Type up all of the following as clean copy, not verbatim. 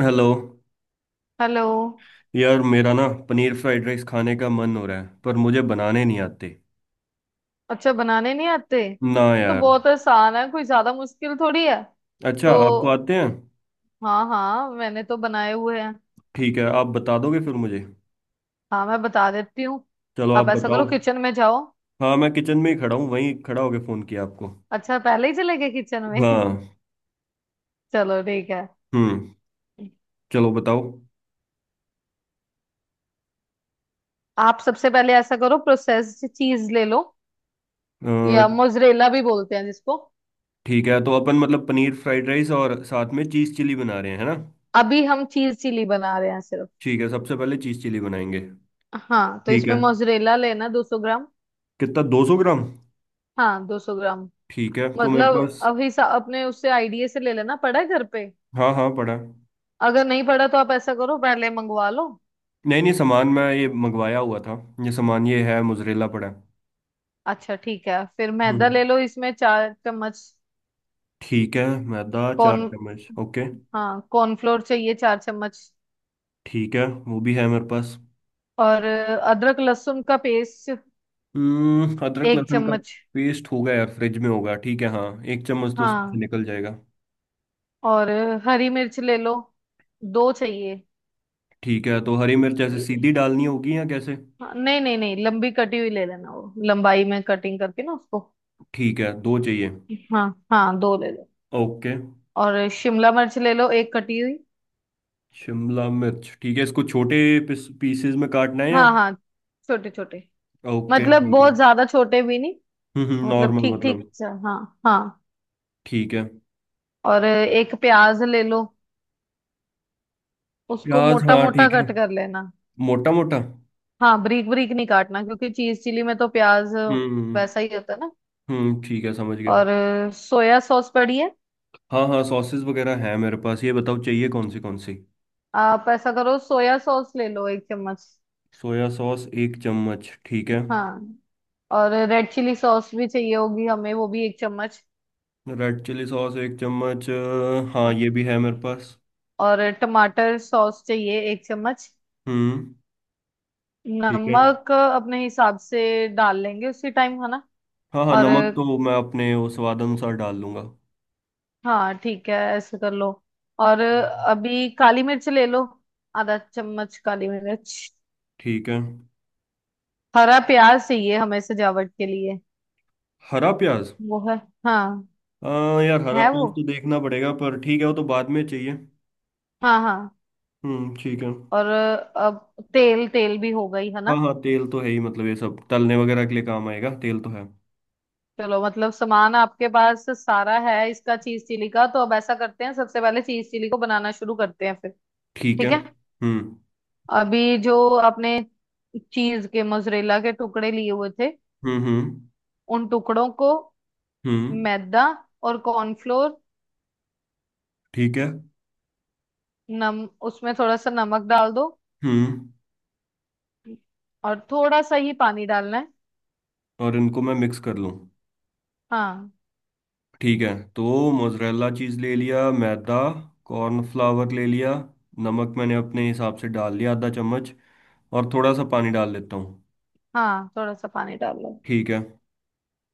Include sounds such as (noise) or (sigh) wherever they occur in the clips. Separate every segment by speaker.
Speaker 1: Hello.
Speaker 2: Hello.
Speaker 1: यार, मेरा ना पनीर फ्राइड राइस खाने का मन हो रहा है, पर मुझे बनाने नहीं आते।
Speaker 2: अच्छा बनाने नहीं आते?
Speaker 1: ना
Speaker 2: ये तो
Speaker 1: यार।
Speaker 2: बहुत आसान है, कोई ज्यादा मुश्किल थोड़ी है।
Speaker 1: अच्छा,
Speaker 2: तो
Speaker 1: आपको आते हैं?
Speaker 2: हाँ हाँ, मैंने तो बनाए हुए हैं।
Speaker 1: ठीक है, आप बता दोगे फिर मुझे।
Speaker 2: हाँ मैं बता देती हूँ।
Speaker 1: चलो, आप
Speaker 2: आप ऐसा
Speaker 1: बताओ।
Speaker 2: करो, किचन में जाओ।
Speaker 1: हाँ, मैं किचन में ही खड़ा हूँ, वहीं खड़ा होके फ़ोन किया आपको।
Speaker 2: अच्छा पहले ही चले गए किचन में
Speaker 1: हाँ।
Speaker 2: (laughs) चलो ठीक है।
Speaker 1: हम्म। चलो, बताओ।
Speaker 2: आप सबसे पहले ऐसा करो, प्रोसेस्ड चीज ले लो
Speaker 1: अ,
Speaker 2: या मोजरेला भी बोलते हैं जिसको।
Speaker 1: ठीक है, तो अपन मतलब पनीर फ्राइड राइस और साथ में चीज़ चिली बना रहे हैं, है ना?
Speaker 2: अभी हम चीज चिली बना रहे हैं सिर्फ।
Speaker 1: ठीक है, सबसे पहले चीज़ चिली बनाएंगे।
Speaker 2: हाँ तो
Speaker 1: ठीक
Speaker 2: इसमें
Speaker 1: है,
Speaker 2: मोजरेला लेना 200 ग्राम।
Speaker 1: कितना, 200 ग्राम?
Speaker 2: हाँ 200 ग्राम।
Speaker 1: ठीक है तो मेरे
Speaker 2: मतलब
Speaker 1: पास।
Speaker 2: अब हिसाब अपने उससे आईडीए से ले लेना पड़ा है घर पे।
Speaker 1: हाँ हाँ, पड़ा है।
Speaker 2: अगर नहीं पड़ा तो आप ऐसा करो, पहले मंगवा लो।
Speaker 1: नहीं नहीं, सामान मैं ये मंगवाया हुआ था। ये सामान ये है, मोजरेला पड़ा है।
Speaker 2: अच्छा ठीक है, फिर मैदा
Speaker 1: हम्म,
Speaker 2: ले लो इसमें 4 चम्मच।
Speaker 1: ठीक है। मैदा चार
Speaker 2: कॉर्न
Speaker 1: चम्मच ओके।
Speaker 2: हाँ कॉर्नफ्लोर चाहिए 4 चम्मच।
Speaker 1: ठीक है, वो भी है मेरे पास।
Speaker 2: और अदरक लहसुन का पेस्ट
Speaker 1: हम्म, अदरक
Speaker 2: एक
Speaker 1: लहसुन का
Speaker 2: चम्मच
Speaker 1: पेस्ट होगा यार, फ्रिज में होगा, ठीक है, हाँ। एक चम्मच तो उसमें से
Speaker 2: हाँ।
Speaker 1: निकल जाएगा।
Speaker 2: और हरी मिर्च ले लो, दो चाहिए।
Speaker 1: ठीक है, तो हरी मिर्च ऐसे
Speaker 2: ल-
Speaker 1: सीधी डालनी होगी या कैसे?
Speaker 2: हाँ, नहीं नहीं नहीं लंबी कटी हुई ले लेना, वो लंबाई में कटिंग करके ना उसको।
Speaker 1: ठीक है, दो चाहिए।
Speaker 2: हाँ हाँ दो ले लो।
Speaker 1: ओके।
Speaker 2: और शिमला मिर्च ले लो एक कटी हुई।
Speaker 1: शिमला मिर्च ठीक है, इसको छोटे पीसेस में काटना है या?
Speaker 2: हाँ हाँ छोटे छोटे।
Speaker 1: ओके
Speaker 2: मतलब
Speaker 1: ठीक है।
Speaker 2: बहुत ज्यादा छोटे भी नहीं। मतलब
Speaker 1: नॉर्मल
Speaker 2: ठीक
Speaker 1: मतलब।
Speaker 2: ठीक सा, हाँ हाँ।
Speaker 1: ठीक है।
Speaker 2: और एक प्याज ले लो, उसको
Speaker 1: प्याज,
Speaker 2: मोटा
Speaker 1: हाँ
Speaker 2: मोटा
Speaker 1: ठीक है।
Speaker 2: कट कर लेना।
Speaker 1: मोटा मोटा।
Speaker 2: हाँ बारीक बारीक नहीं काटना क्योंकि चीज चिली में तो प्याज
Speaker 1: हम्म
Speaker 2: वैसा ही होता है ना।
Speaker 1: हम्म, ठीक है, समझ गया।
Speaker 2: और सोया सॉस पड़ी है।
Speaker 1: हाँ हाँ, सॉसेस वगैरह हैं मेरे पास, ये बताओ चाहिए कौन सी कौन सी?
Speaker 2: आप ऐसा करो, सोया सॉस ले लो 1 चम्मच।
Speaker 1: सोया सॉस एक चम्मच, ठीक है।
Speaker 2: हाँ। और रेड चिली सॉस भी चाहिए होगी हमें, वो भी 1 चम्मच।
Speaker 1: रेड चिली सॉस एक चम्मच, हाँ ये भी है मेरे पास।
Speaker 2: और टमाटर सॉस चाहिए 1 चम्मच।
Speaker 1: हम्म, ठीक है।
Speaker 2: नमक अपने हिसाब से डाल लेंगे उसी टाइम, है ना।
Speaker 1: हाँ हाँ,
Speaker 2: और
Speaker 1: नमक तो मैं अपने वो स्वाद अनुसार डाल लूंगा।
Speaker 2: हाँ ठीक है, ऐसे कर लो। और
Speaker 1: हम्म।
Speaker 2: अभी काली मिर्च ले लो, आधा चम्मच काली मिर्च।
Speaker 1: ठीक है।
Speaker 2: हरा प्याज चाहिए हमें सजावट के लिए।
Speaker 1: हरा प्याज।
Speaker 2: वो है। हाँ
Speaker 1: हाँ यार, हरा
Speaker 2: है वो,
Speaker 1: प्याज तो देखना पड़ेगा, पर ठीक है, वो तो बाद में चाहिए।
Speaker 2: हाँ हाँ।
Speaker 1: हम्म, ठीक है।
Speaker 2: और अब तेल तेल भी हो गई है
Speaker 1: हाँ
Speaker 2: ना।
Speaker 1: हाँ, तेल तो है ही, मतलब ये सब तलने वगैरह के लिए काम आएगा, तेल तो है।
Speaker 2: चलो, मतलब सामान आपके पास सारा है इसका चीज चिली का, तो अब ऐसा करते हैं सबसे पहले चीज चिली को बनाना शुरू करते हैं फिर।
Speaker 1: ठीक है।
Speaker 2: ठीक है। अभी जो आपने चीज के मोजरेला के टुकड़े लिए हुए थे,
Speaker 1: हम्म हम्म
Speaker 2: उन टुकड़ों को
Speaker 1: हम्म।
Speaker 2: मैदा और कॉर्नफ्लोर,
Speaker 1: ठीक है।
Speaker 2: नम उसमें थोड़ा सा नमक डाल दो।
Speaker 1: हम्म।
Speaker 2: और थोड़ा सा ही पानी डालना है।
Speaker 1: और इनको मैं मिक्स कर लूँ?
Speaker 2: हाँ
Speaker 1: ठीक है। तो मोजरेला चीज़ ले लिया, मैदा कॉर्नफ्लावर ले लिया, नमक मैंने अपने हिसाब से डाल लिया आधा चम्मच, और थोड़ा सा पानी डाल लेता हूँ।
Speaker 2: हाँ थोड़ा सा पानी डाल लो।
Speaker 1: ठीक है।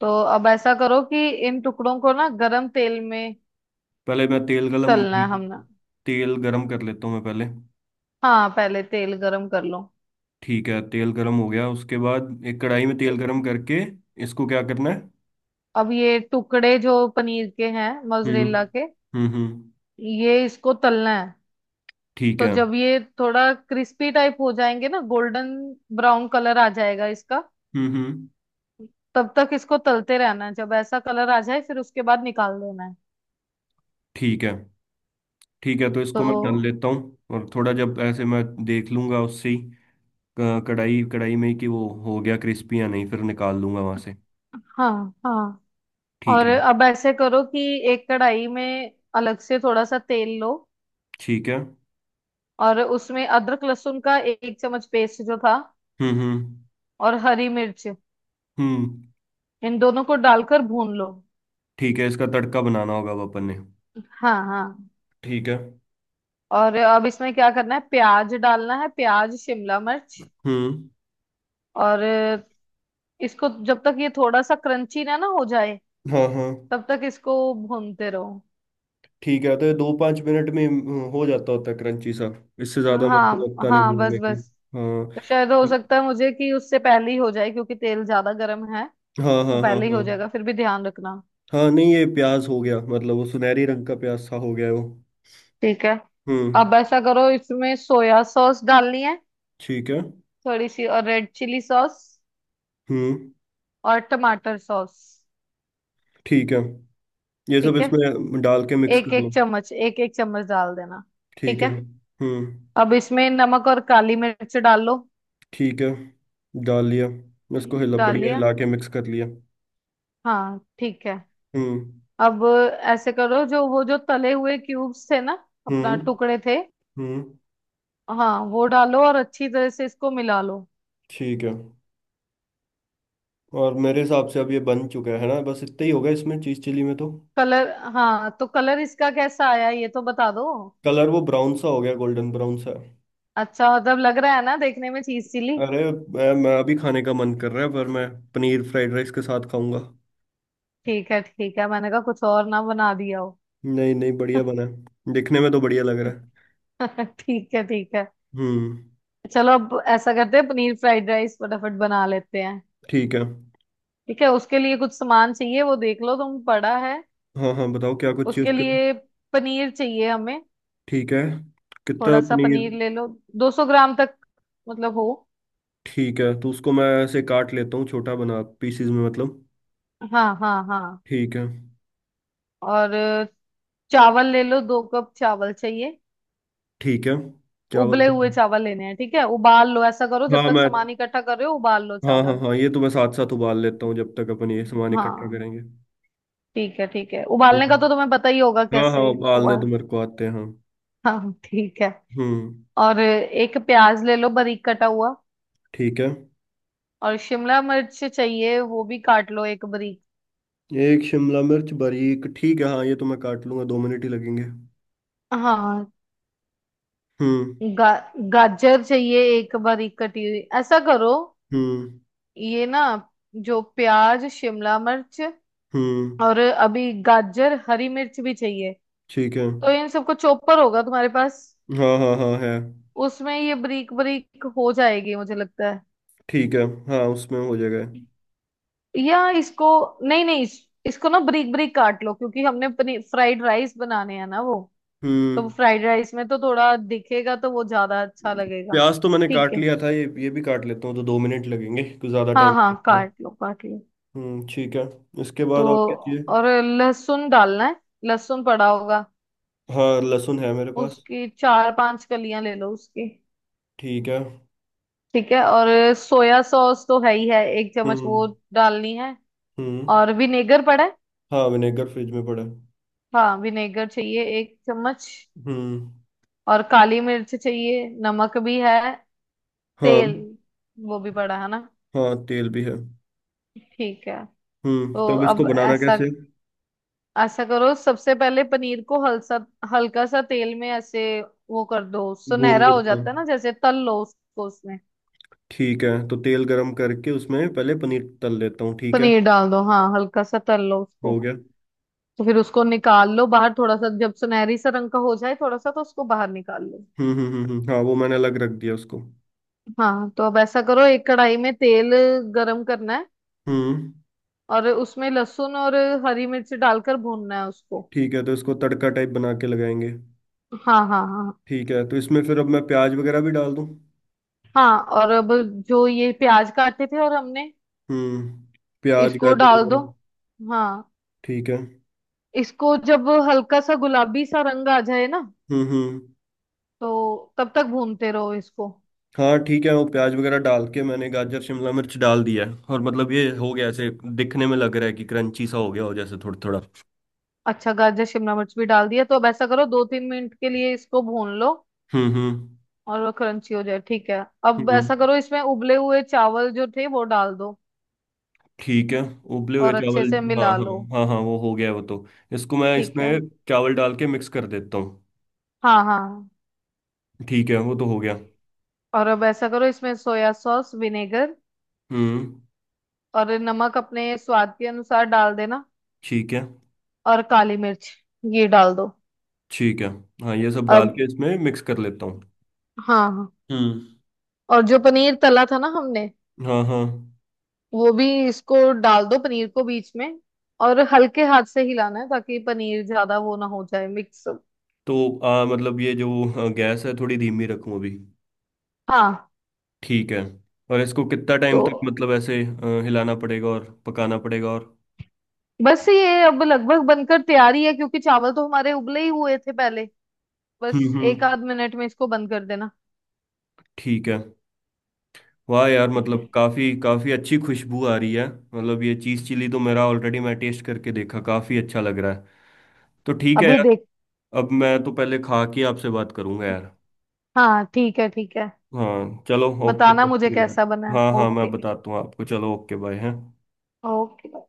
Speaker 2: तो अब ऐसा करो कि इन टुकड़ों को ना गरम तेल में
Speaker 1: पहले मैं तेल गलम
Speaker 2: तलना है हमने।
Speaker 1: तेल गरम कर लेता हूँ मैं पहले।
Speaker 2: हाँ पहले तेल गरम कर लो।
Speaker 1: ठीक है, तेल गरम हो गया, उसके बाद एक कढ़ाई में तेल गरम करके इसको क्या करना है?
Speaker 2: अब ये टुकड़े जो पनीर के हैं
Speaker 1: हम्म
Speaker 2: मोजरेला के,
Speaker 1: हम्म।
Speaker 2: ये इसको तलना है।
Speaker 1: ठीक
Speaker 2: तो
Speaker 1: है।
Speaker 2: जब ये थोड़ा क्रिस्पी टाइप हो जाएंगे ना, गोल्डन ब्राउन कलर आ जाएगा इसका,
Speaker 1: हम्म।
Speaker 2: तब तक इसको तलते रहना है, जब ऐसा कलर आ जाए फिर उसके बाद निकाल देना है।
Speaker 1: ठीक है। ठीक है, तो इसको
Speaker 2: तो
Speaker 1: मैं कर लेता हूँ और थोड़ा जब ऐसे मैं देख लूंगा उससे ही क- कढ़ाई कढ़ाई में ही कि वो हो गया क्रिस्पी या नहीं, फिर निकाल लूंगा वहां से।
Speaker 2: हाँ हाँ।
Speaker 1: ठीक
Speaker 2: और
Speaker 1: है।
Speaker 2: अब ऐसे करो कि एक कढ़ाई में अलग से थोड़ा सा तेल लो।
Speaker 1: ठीक है।
Speaker 2: और उसमें अदरक लहसुन का एक चम्मच पेस्ट जो था,
Speaker 1: हम्म हम्म
Speaker 2: और हरी मिर्च,
Speaker 1: हम्म।
Speaker 2: इन दोनों को डालकर भून लो।
Speaker 1: ठीक है, इसका तड़का बनाना होगा अब अपन ने।
Speaker 2: हाँ हाँ।
Speaker 1: ठीक है।
Speaker 2: और अब इसमें क्या करना है, प्याज डालना है, प्याज शिमला मिर्च,
Speaker 1: हम्म।
Speaker 2: और इसको जब तक ये थोड़ा सा क्रंची ना ना हो जाए,
Speaker 1: हाँ हाँ।
Speaker 2: तब तक इसको भूनते रहो।
Speaker 1: ठीक है, तो ये दो पाँच मिनट में हो जाता होता है क्रंची सा, इससे ज़्यादा मेरे को
Speaker 2: हाँ
Speaker 1: लगता नहीं
Speaker 2: हाँ
Speaker 1: भूनने
Speaker 2: बस
Speaker 1: की।
Speaker 2: बस।
Speaker 1: हाँ
Speaker 2: तो शायद हो सकता है मुझे कि उससे पहले ही हो जाए क्योंकि तेल ज्यादा गर्म है,
Speaker 1: हाँ
Speaker 2: तो
Speaker 1: हाँ हाँ।
Speaker 2: पहले ही हो
Speaker 1: हाँ
Speaker 2: जाएगा, फिर भी ध्यान रखना।
Speaker 1: हाँ, नहीं ये प्याज हो गया, मतलब वो सुनहरी रंग का प्याज सा हो गया है वो।
Speaker 2: ठीक है।
Speaker 1: हम्म,
Speaker 2: अब ऐसा करो, इसमें सोया सॉस डालनी है
Speaker 1: ठीक है।
Speaker 2: थोड़ी सी, और रेड चिली सॉस
Speaker 1: हम्म।
Speaker 2: और टमाटर सॉस।
Speaker 1: ठीक है। ये सब
Speaker 2: ठीक है।
Speaker 1: इसमें डाल के मिक्स कर लो।
Speaker 2: एक एक चम्मच डाल देना।
Speaker 1: ठीक
Speaker 2: ठीक
Speaker 1: है।
Speaker 2: है।
Speaker 1: हम्म।
Speaker 2: अब इसमें नमक और काली मिर्च डाल लो।
Speaker 1: ठीक है, डाल लिया, इसको हिला,
Speaker 2: डाल
Speaker 1: बढ़िया
Speaker 2: लिया।
Speaker 1: हिला के मिक्स कर लिया।
Speaker 2: हाँ ठीक है।
Speaker 1: हम्म
Speaker 2: अब ऐसे करो, जो वो जो तले हुए क्यूब्स थे ना, अपना
Speaker 1: हम्म
Speaker 2: टुकड़े थे,
Speaker 1: हम्म।
Speaker 2: हाँ वो डालो और अच्छी तरह से इसको मिला लो।
Speaker 1: ठीक है, और मेरे हिसाब से अब ये बन चुका है ना, बस इतना ही होगा इसमें, चीज़ चिली में तो।
Speaker 2: कलर हाँ तो कलर इसका कैसा आया, ये तो बता दो।
Speaker 1: कलर वो ब्राउन सा हो गया, गोल्डन ब्राउन सा।
Speaker 2: अच्छा मतलब लग रहा है ना देखने में चीज चिली।
Speaker 1: अरे मैं अभी खाने का मन कर रहा है पर मैं पनीर फ्राइड राइस के साथ खाऊंगा।
Speaker 2: ठीक है ठीक है, मैंने कहा कुछ और ना बना दिया हो
Speaker 1: नहीं नहीं,
Speaker 2: (laughs)
Speaker 1: बढ़िया बना है, दिखने में तो बढ़िया लग रहा है।
Speaker 2: ठीक है ठीक है।
Speaker 1: हम्म।
Speaker 2: चलो, अब ऐसा करते हैं पनीर फ्राइड राइस फटाफट बना लेते हैं।
Speaker 1: ठीक है।
Speaker 2: ठीक है, उसके लिए कुछ सामान चाहिए, वो देख लो तुम पड़ा है।
Speaker 1: हाँ हाँ, बताओ क्या कुछ चीज़
Speaker 2: उसके
Speaker 1: करें।
Speaker 2: लिए पनीर चाहिए हमें।
Speaker 1: ठीक है, कितना
Speaker 2: थोड़ा सा
Speaker 1: पनीर?
Speaker 2: पनीर ले लो, 200 ग्राम तक मतलब हो।
Speaker 1: ठीक है, तो उसको मैं ऐसे काट लेता हूँ छोटा बना पीसीज में मतलब।
Speaker 2: हाँ हाँ हाँ।
Speaker 1: ठीक है।
Speaker 2: और चावल ले लो, 2 कप चावल चाहिए,
Speaker 1: ठीक है, चावल
Speaker 2: उबले
Speaker 1: तो
Speaker 2: हुए चावल लेने हैं। ठीक है उबाल लो, ऐसा करो जब
Speaker 1: हाँ
Speaker 2: तक
Speaker 1: मैं,
Speaker 2: सामान इकट्ठा कर रहे हो उबाल लो
Speaker 1: हाँ हाँ
Speaker 2: चावल।
Speaker 1: हाँ, ये तो मैं साथ साथ उबाल लेता हूँ जब तक अपन ये सामान इकट्ठा
Speaker 2: हाँ
Speaker 1: करेंगे।
Speaker 2: ठीक है ठीक है, उबालने का तो
Speaker 1: हम्म।
Speaker 2: तुम्हें पता ही होगा
Speaker 1: हाँ हाँ,
Speaker 2: कैसे।
Speaker 1: उबालने तो
Speaker 2: उबाल
Speaker 1: मेरे को आते हैं, हाँ।
Speaker 2: हाँ ठीक है।
Speaker 1: हम्म,
Speaker 2: और एक प्याज ले लो बारीक कटा हुआ।
Speaker 1: ठीक है।
Speaker 2: और शिमला मिर्च चाहिए, वो भी काट लो एक बारीक।
Speaker 1: एक शिमला मिर्च बारीक ठीक है, हाँ ये तो मैं काट लूंगा, 2 मिनट ही लगेंगे।
Speaker 2: हाँ।
Speaker 1: हम्म
Speaker 2: गा, गाजर चाहिए एक बारीक कटी हुई, ऐसा करो
Speaker 1: हम्म
Speaker 2: ये ना, जो प्याज शिमला मिर्च
Speaker 1: हम्म।
Speaker 2: और अभी गाजर हरी मिर्च भी चाहिए,
Speaker 1: ठीक है।
Speaker 2: तो इन सबको चॉपर होगा तुम्हारे पास।
Speaker 1: हाँ हाँ हाँ, है।
Speaker 2: उसमें ये बारीक बारीक हो जाएगी, मुझे लगता है।
Speaker 1: ठीक है। हाँ, उसमें हो जाएगा।
Speaker 2: या इसको, नहीं नहीं, इसको ना बारीक बारीक काट लो, क्योंकि हमने फ्राइड राइस बनाने हैं ना वो। तो
Speaker 1: हम्म।
Speaker 2: फ्राइड राइस में तो थोड़ा दिखेगा, तो वो ज्यादा अच्छा लगेगा।
Speaker 1: प्याज तो मैंने
Speaker 2: ठीक
Speaker 1: काट
Speaker 2: है,
Speaker 1: लिया था, ये भी काट लेता हूँ, तो 2 मिनट लगेंगे, कुछ ज़्यादा टाइम
Speaker 2: हाँ हाँ
Speaker 1: नहीं लगेगा।
Speaker 2: काट लो काट लो।
Speaker 1: हम्म, ठीक है। इसके
Speaker 2: तो
Speaker 1: बाद और क्या चाहिए?
Speaker 2: और लहसुन डालना है, लहसुन पड़ा होगा।
Speaker 1: हाँ, लहसुन है मेरे पास।
Speaker 2: उसकी 4-5 कलियां ले लो उसकी।
Speaker 1: ठीक है।
Speaker 2: ठीक है। और सोया सॉस तो है ही है, एक चम्मच
Speaker 1: हम्म
Speaker 2: वो डालनी है।
Speaker 1: हम्म।
Speaker 2: और विनेगर पड़ा है।
Speaker 1: हाँ, विनेगर फ्रिज में पड़ा है।
Speaker 2: हाँ विनेगर चाहिए 1 चम्मच।
Speaker 1: हम्म।
Speaker 2: और काली मिर्च चाहिए, नमक भी है,
Speaker 1: हाँ
Speaker 2: तेल वो भी पड़ा है ना।
Speaker 1: हाँ, तेल भी है।
Speaker 2: ठीक है।
Speaker 1: हम्म,
Speaker 2: तो
Speaker 1: तब इसको
Speaker 2: अब
Speaker 1: बनाना
Speaker 2: ऐसा
Speaker 1: कैसे?
Speaker 2: ऐसा करो, सबसे पहले पनीर को हल्सा हल्का सा तेल में ऐसे वो कर दो,
Speaker 1: भून
Speaker 2: सुनहरा
Speaker 1: लो
Speaker 2: हो
Speaker 1: थोड़ा।
Speaker 2: जाता है ना जैसे, तल लो उसको उसमें।
Speaker 1: ठीक है, तो तेल गरम करके उसमें पहले पनीर तल लेता हूँ, ठीक है।
Speaker 2: पनीर डाल दो, हाँ हल्का सा तल लो
Speaker 1: हो
Speaker 2: उसको।
Speaker 1: गया।
Speaker 2: तो फिर उसको निकाल लो बाहर, थोड़ा सा जब सुनहरी सा रंग का हो जाए थोड़ा सा, तो उसको बाहर निकाल लो।
Speaker 1: हाँ वो मैंने अलग रख दिया उसको।
Speaker 2: हाँ। तो अब ऐसा करो, एक कढ़ाई में तेल गरम करना है।
Speaker 1: हम्म।
Speaker 2: और उसमें लहसुन और हरी मिर्च डालकर भूनना है उसको।
Speaker 1: ठीक है, तो इसको तड़का टाइप बना के लगाएंगे।
Speaker 2: हाँ हाँ हाँ
Speaker 1: ठीक है, तो इसमें फिर अब मैं प्याज वगैरह भी डाल दूं?
Speaker 2: हाँ। और अब जो ये प्याज काटे थे और हमने,
Speaker 1: हम्म, प्याज
Speaker 2: इसको
Speaker 1: गाजर
Speaker 2: डाल दो।
Speaker 1: वगैरह।
Speaker 2: हाँ
Speaker 1: ठीक है।
Speaker 2: इसको जब हल्का सा गुलाबी सा रंग आ जाए ना,
Speaker 1: हम्म।
Speaker 2: तो तब तक भूनते रहो इसको।
Speaker 1: हाँ ठीक है, वो प्याज वगैरह डाल के मैंने गाजर शिमला मिर्च डाल दिया है, और मतलब ये हो गया ऐसे, दिखने में लग रहा है कि क्रंची सा हो गया हो जैसे, थोड़ा थोड़ा।
Speaker 2: अच्छा गाजर शिमला मिर्च भी डाल दिया, तो अब ऐसा करो 2-3 मिनट के लिए इसको भून लो
Speaker 1: हम्म हम्म
Speaker 2: और वो क्रंची हो जाए। ठीक है। अब
Speaker 1: हम्म।
Speaker 2: ऐसा करो, इसमें उबले हुए चावल जो थे वो डाल दो
Speaker 1: ठीक है, उबले हुए
Speaker 2: और अच्छे
Speaker 1: चावल।
Speaker 2: से
Speaker 1: हाँ
Speaker 2: मिला
Speaker 1: हाँ
Speaker 2: लो।
Speaker 1: हाँ हाँ, वो हो गया वो तो, इसको मैं
Speaker 2: ठीक है
Speaker 1: इसमें चावल डाल के मिक्स कर देता हूँ।
Speaker 2: हाँ हाँ।
Speaker 1: ठीक है, वो तो हो गया।
Speaker 2: और अब ऐसा करो, इसमें सोया सॉस विनेगर
Speaker 1: हम्म।
Speaker 2: और नमक अपने स्वाद के अनुसार डाल देना।
Speaker 1: ठीक है।
Speaker 2: और काली मिर्च ये डाल दो।
Speaker 1: ठीक है, हाँ ये सब डाल
Speaker 2: अब
Speaker 1: के इसमें मिक्स कर लेता हूँ।
Speaker 2: हाँ हाँ।
Speaker 1: हम्म।
Speaker 2: और जो पनीर तला था ना हमने,
Speaker 1: हाँ हाँ।
Speaker 2: वो भी इसको डाल दो पनीर को बीच में। और हल्के हाथ से हिलाना है, ताकि पनीर ज्यादा वो ना हो जाए मिक्स।
Speaker 1: तो मतलब ये जो गैस है, थोड़ी धीमी रखूं अभी?
Speaker 2: हाँ।
Speaker 1: ठीक है। और इसको कितना
Speaker 2: तो
Speaker 1: टाइम तक मतलब ऐसे हिलाना पड़ेगा और पकाना पड़ेगा? और
Speaker 2: बस ये अब लगभग बनकर तैयारी है, क्योंकि चावल तो हमारे उबले ही हुए थे पहले। बस
Speaker 1: हम्म,
Speaker 2: एक आध मिनट में इसको बंद कर देना।
Speaker 1: ठीक है। वाह यार,
Speaker 2: ठीक है।
Speaker 1: मतलब काफ़ी काफ़ी अच्छी खुशबू आ रही है, मतलब ये चीज़ चिली तो, मेरा ऑलरेडी मैं टेस्ट करके देखा, काफ़ी अच्छा लग रहा है। तो ठीक है
Speaker 2: अभी
Speaker 1: यार,
Speaker 2: देख
Speaker 1: अब मैं तो पहले खा के आपसे बात करूंगा यार।
Speaker 2: हाँ ठीक है ठीक है,
Speaker 1: हाँ चलो, ओके,
Speaker 2: बताना
Speaker 1: थैंक
Speaker 2: मुझे
Speaker 1: यू यार।
Speaker 2: कैसा बना है,
Speaker 1: हाँ हाँ,
Speaker 2: ओके।
Speaker 1: मैं बताता हूँ आपको, चलो, ओके बाय, हैं।
Speaker 2: ओके।